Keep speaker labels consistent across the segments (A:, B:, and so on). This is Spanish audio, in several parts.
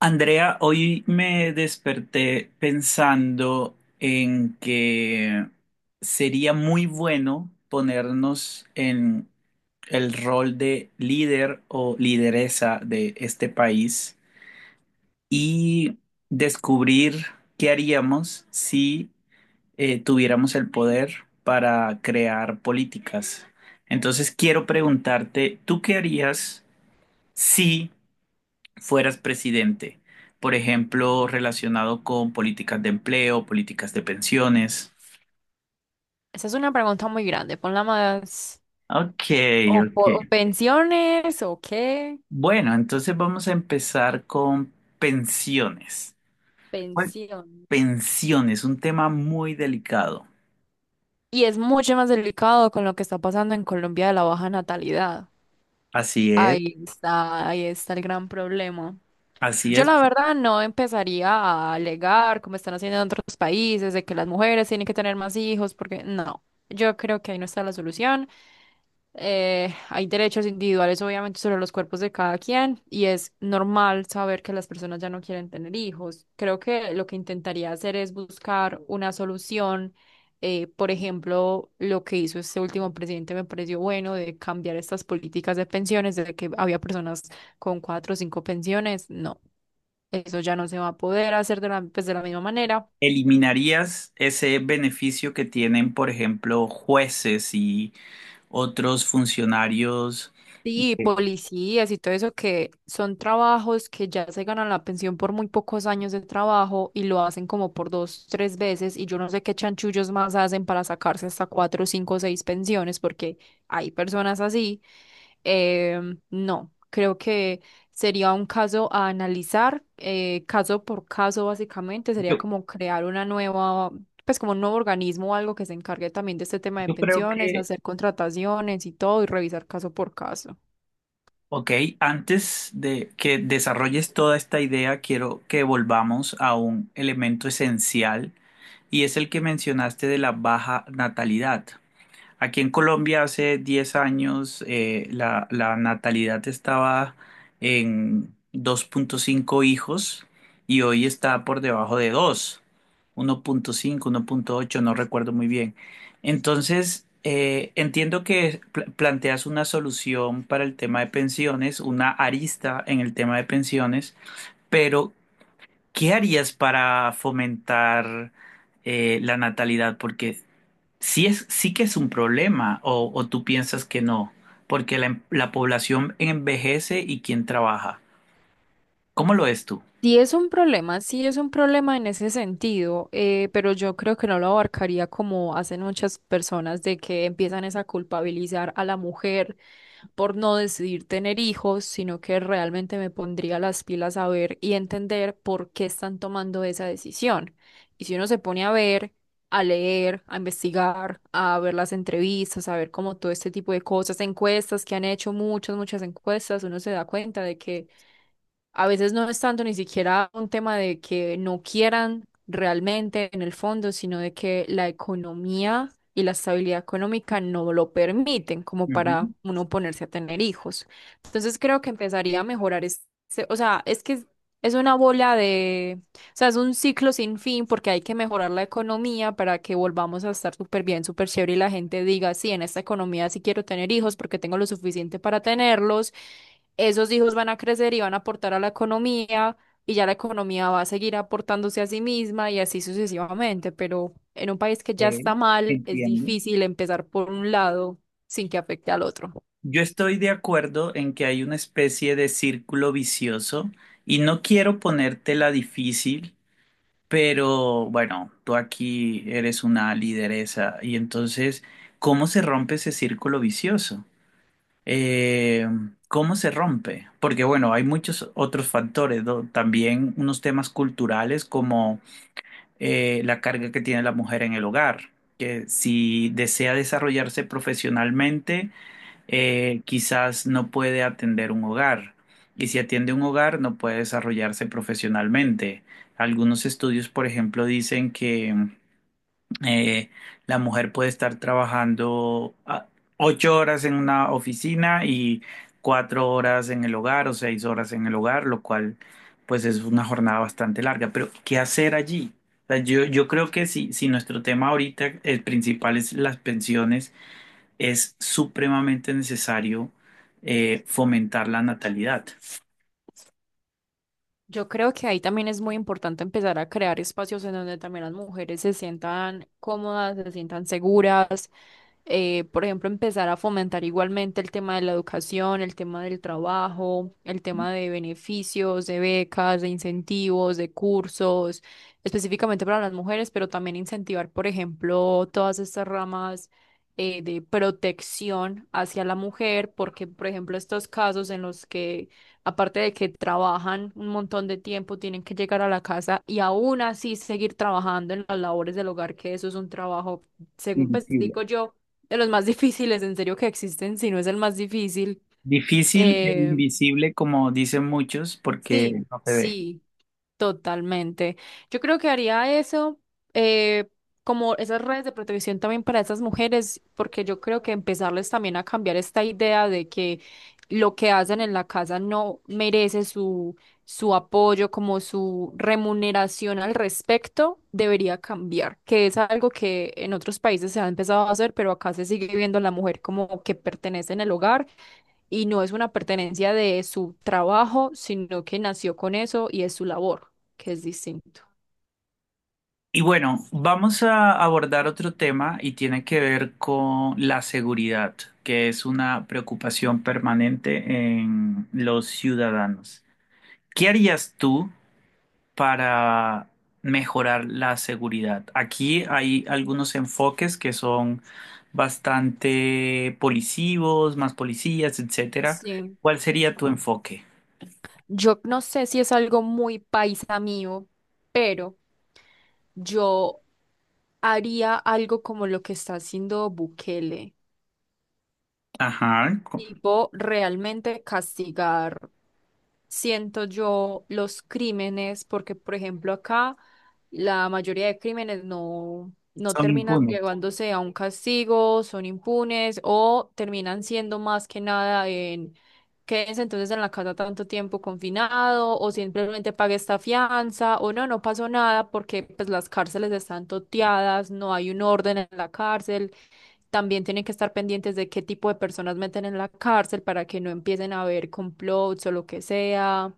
A: Andrea, hoy me desperté pensando en que sería muy bueno ponernos en el rol de líder o lideresa de este país y descubrir qué haríamos si tuviéramos el poder para crear políticas. Entonces quiero preguntarte, ¿tú qué harías si fueras presidente, por ejemplo, relacionado con políticas de empleo, políticas de pensiones?
B: Esa es una pregunta muy grande. Ponla más.
A: Ok,
B: O,
A: ok.
B: o pensiones o qué.
A: Bueno, entonces vamos a empezar con pensiones. Bueno,
B: Pensión.
A: pensiones, un tema muy delicado.
B: Y es mucho más delicado con lo que está pasando en Colombia de la baja natalidad.
A: Así es,
B: Ahí está el gran problema.
A: así
B: Yo
A: es.
B: la verdad no empezaría a alegar como están haciendo en otros países de que las mujeres tienen que tener más hijos porque no, yo creo que ahí no está la solución. Hay derechos individuales, obviamente, sobre los cuerpos de cada quien, y es normal saber que las personas ya no quieren tener hijos. Creo que lo que intentaría hacer es buscar una solución. Por ejemplo, lo que hizo este último presidente me pareció bueno de cambiar estas políticas de pensiones, desde que había personas con cuatro o cinco pensiones. No, eso ya no se va a poder hacer de la, pues, de la misma manera.
A: ¿Eliminarías ese beneficio que tienen, por ejemplo, jueces y otros funcionarios?
B: Sí,
A: Eh,
B: policías y todo eso que son trabajos que ya se ganan la pensión por muy pocos años de trabajo y lo hacen como por dos, tres veces y yo no sé qué chanchullos más hacen para sacarse hasta cuatro, cinco, seis pensiones porque hay personas así. No, creo que sería un caso a analizar, caso por caso básicamente, sería
A: Yo,
B: como crear una nueva, pues como un nuevo organismo o algo que se encargue también de este tema de
A: yo creo
B: pensiones,
A: que
B: hacer contrataciones y todo y revisar caso por caso.
A: ok, antes de que desarrolles toda esta idea, quiero que volvamos a un elemento esencial y es el que mencionaste de la baja natalidad. Aquí en Colombia hace 10 años la natalidad estaba en 2,5 hijos y hoy está por debajo de 2, 1,5, 1,8, no recuerdo muy bien. Entonces, entiendo que planteas una solución para el tema de pensiones, una arista en el tema de pensiones, pero ¿qué harías para fomentar la natalidad? Porque sí que es un problema, o tú piensas que no, porque la, la población envejece y quién trabaja. ¿Cómo lo ves tú?
B: Sí es un problema, sí es un problema en ese sentido, pero yo creo que no lo abarcaría como hacen muchas personas de que empiezan es a culpabilizar a la mujer por no decidir tener hijos, sino que realmente me pondría las pilas a ver y entender por qué están tomando esa decisión. Y si uno se pone a ver, a leer, a investigar, a ver las entrevistas, a ver como todo este tipo de cosas, encuestas que han hecho muchas, muchas encuestas, uno se da cuenta de que a veces no es tanto ni siquiera un tema de que no quieran realmente en el fondo, sino de que la economía y la estabilidad económica no lo permiten como para
A: Ujú,
B: uno ponerse a tener hijos. Entonces creo que empezaría a mejorar este, o sea, es que es una bola de, o sea, es un ciclo sin fin porque hay que mejorar la economía para que volvamos a estar súper bien, súper chévere y la gente diga, sí, en esta economía sí quiero tener hijos porque tengo lo suficiente para tenerlos. Esos hijos van a crecer y van a aportar a la economía y ya la economía va a seguir aportándose a sí misma y así sucesivamente, pero en un país que ya
A: ok,
B: está mal es
A: entiendo.
B: difícil empezar por un lado sin que afecte al otro.
A: Yo estoy de acuerdo en que hay una especie de círculo vicioso y no quiero ponértela difícil, pero bueno, tú aquí eres una lideresa y entonces, ¿cómo se rompe ese círculo vicioso? Eh, ¿Cómo se rompe? Porque bueno, hay muchos otros factores, ¿no? También unos temas culturales como la carga que tiene la mujer en el hogar, que si desea desarrollarse profesionalmente, quizás no puede atender un hogar. Y si atiende un hogar, no puede desarrollarse profesionalmente. Algunos estudios, por ejemplo, dicen que eh, la mujer puede estar trabajando 8 horas en una oficina y 4 horas en el hogar o 6 horas en el hogar, lo cual pues es una jornada bastante larga. Pero ¿qué hacer allí? O sea, yo creo que si nuestro tema ahorita, el principal es las pensiones, es supremamente necesario fomentar la natalidad.
B: Yo creo que ahí también es muy importante empezar a crear espacios en donde también las mujeres se sientan cómodas, se sientan seguras. Por ejemplo, empezar a fomentar igualmente el tema de la educación, el tema del trabajo, el tema de beneficios, de becas, de incentivos, de cursos, específicamente para las mujeres, pero también incentivar, por ejemplo, todas estas ramas. De protección hacia la mujer, porque, por ejemplo, estos casos en los que aparte de que trabajan un montón de tiempo, tienen que llegar a la casa y aún así seguir trabajando en las labores del hogar, que eso es un trabajo, según pues digo
A: Invisible.
B: yo, de los más difíciles en serio que existen, si no es el más difícil.
A: Difícil e
B: Eh,
A: invisible, como dicen muchos, porque
B: sí,
A: no se ve.
B: sí. Totalmente. Yo creo que haría eso, eh, como esas redes de protección también para esas mujeres, porque yo creo que empezarles también a cambiar esta idea de que lo que hacen en la casa no merece su, su apoyo, como su remuneración al respecto, debería cambiar, que es algo que en otros países se ha empezado a hacer, pero acá se sigue viendo a la mujer como que pertenece en el hogar y no es una pertenencia de su trabajo, sino que nació con eso y es su labor, que es distinto.
A: Y bueno, vamos a abordar otro tema y tiene que ver con la seguridad, que es una preocupación permanente en los ciudadanos. ¿Qué harías tú para mejorar la seguridad? Aquí hay algunos enfoques que son bastante policivos, más policías, etcétera.
B: Sí.
A: ¿Cuál sería tu enfoque?
B: Yo no sé si es algo muy paisa mío, pero yo haría algo como lo que está haciendo Bukele,
A: Ajá,
B: tipo realmente castigar, siento yo, los crímenes, porque por ejemplo acá la mayoría de crímenes no
A: son
B: terminan
A: impunes.
B: llevándose a un castigo, son impunes o terminan siendo más que nada en quédense entonces en la casa tanto tiempo confinado o simplemente pague esta fianza o no, no pasó nada porque pues las cárceles están toteadas, no hay un orden en la cárcel. También tienen que estar pendientes de qué tipo de personas meten en la cárcel para que no empiecen a haber complots o lo que sea.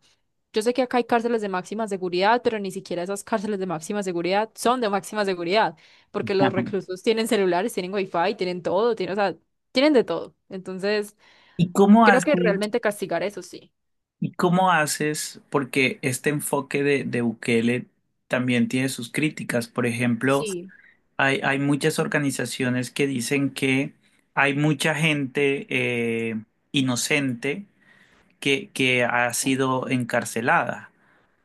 B: Yo sé que acá hay cárceles de máxima seguridad, pero ni siquiera esas cárceles de máxima seguridad son de máxima seguridad, porque los
A: Ajá.
B: reclusos tienen celulares, tienen wifi, tienen todo, tienen, o sea, tienen de todo. Entonces,
A: ¿Y cómo
B: creo
A: haces?
B: que realmente castigar eso sí.
A: ¿Y cómo haces? Porque este enfoque de Bukele también tiene sus críticas. Por ejemplo,
B: Sí,
A: hay muchas organizaciones que dicen que hay mucha gente inocente que ha sido encarcelada,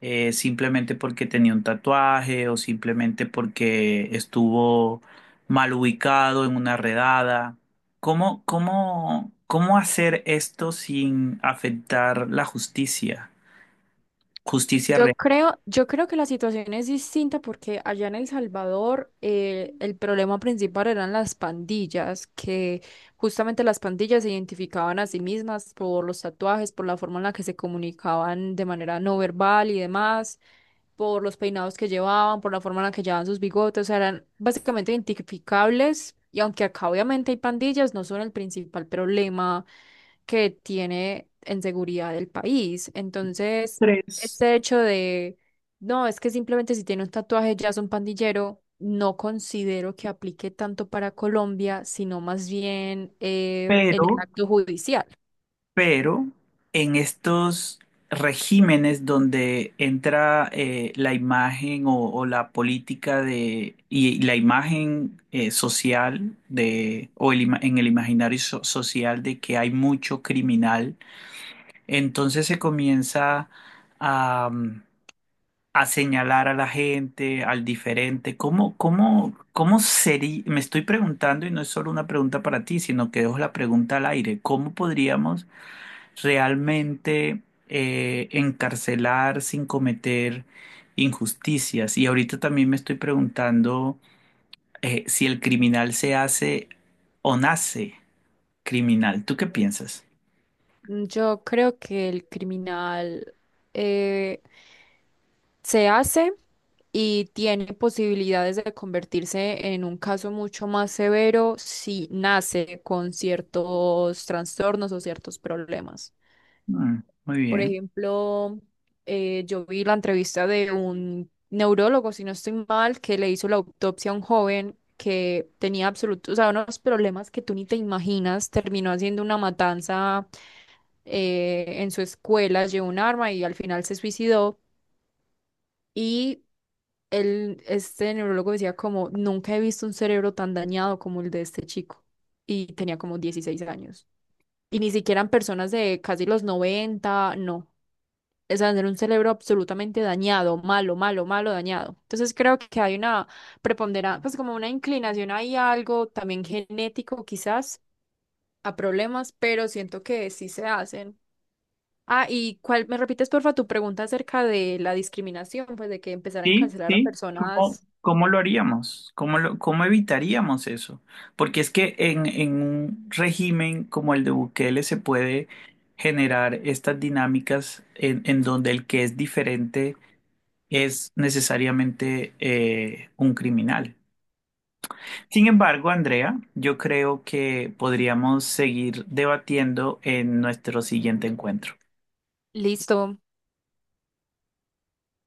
A: simplemente porque tenía un tatuaje o simplemente porque estuvo mal ubicado en una redada. ¿Cómo, cómo, cómo hacer esto sin afectar la justicia? Justicia
B: Yo
A: real.
B: creo, yo creo que la situación es distinta porque allá en El Salvador el problema principal eran las pandillas, que justamente las pandillas se identificaban a sí mismas por los tatuajes, por la forma en la que se comunicaban de manera no verbal y demás, por los peinados que llevaban, por la forma en la que llevaban sus bigotes, o sea, eran básicamente identificables y aunque acá obviamente hay pandillas, no son el principal problema que tiene en seguridad el país. Entonces,
A: Tres.
B: este hecho de, no, es que simplemente si tiene un tatuaje ya es un pandillero, no considero que aplique tanto para Colombia, sino más bien en
A: Pero,
B: el acto judicial.
A: pero en estos regímenes donde entra la imagen o la política de y la imagen social de o el en el imaginario social de que hay mucho criminal, entonces se comienza a señalar a la gente, al diferente. ¿Cómo, cómo, cómo sería? Me estoy preguntando, y no es solo una pregunta para ti, sino que dejo la pregunta al aire. ¿Cómo podríamos realmente encarcelar sin cometer injusticias? Y ahorita también me estoy preguntando si el criminal se hace o nace criminal. ¿Tú qué piensas?
B: Mm, yo creo que el criminal eh, se hace y tiene posibilidades de convertirse en un caso mucho más severo si nace con ciertos trastornos o ciertos problemas.
A: Mm, muy
B: Por
A: bien.
B: ejemplo, yo vi la entrevista de un neurólogo, si no estoy mal, que le hizo la autopsia a un joven que tenía absolutos, o sea, unos problemas que tú ni te imaginas. Terminó haciendo una matanza en su escuela, llevó un arma y al final se suicidó. Y él, este neurólogo decía como, nunca he visto un cerebro tan dañado como el de este chico. Y tenía como 16 años. Y ni siquiera en personas de casi los 90. No, es tener un cerebro absolutamente dañado, malo, malo, malo, dañado. Entonces creo que hay una preponderancia, pues como una inclinación ahí a algo también genético quizás, a problemas, pero siento que sí se hacen. Ah, y cuál, me repites porfa tu pregunta acerca de la discriminación, pues de que empezar a
A: Sí,
B: encarcelar a
A: sí, ¿cómo,
B: personas.
A: cómo lo haríamos? ¿Cómo cómo evitaríamos eso? Porque es que en un régimen como el de Bukele se puede generar estas dinámicas en donde el que es diferente es necesariamente un criminal. Sin embargo, Andrea, yo creo que podríamos seguir debatiendo en nuestro siguiente encuentro.
B: Listo.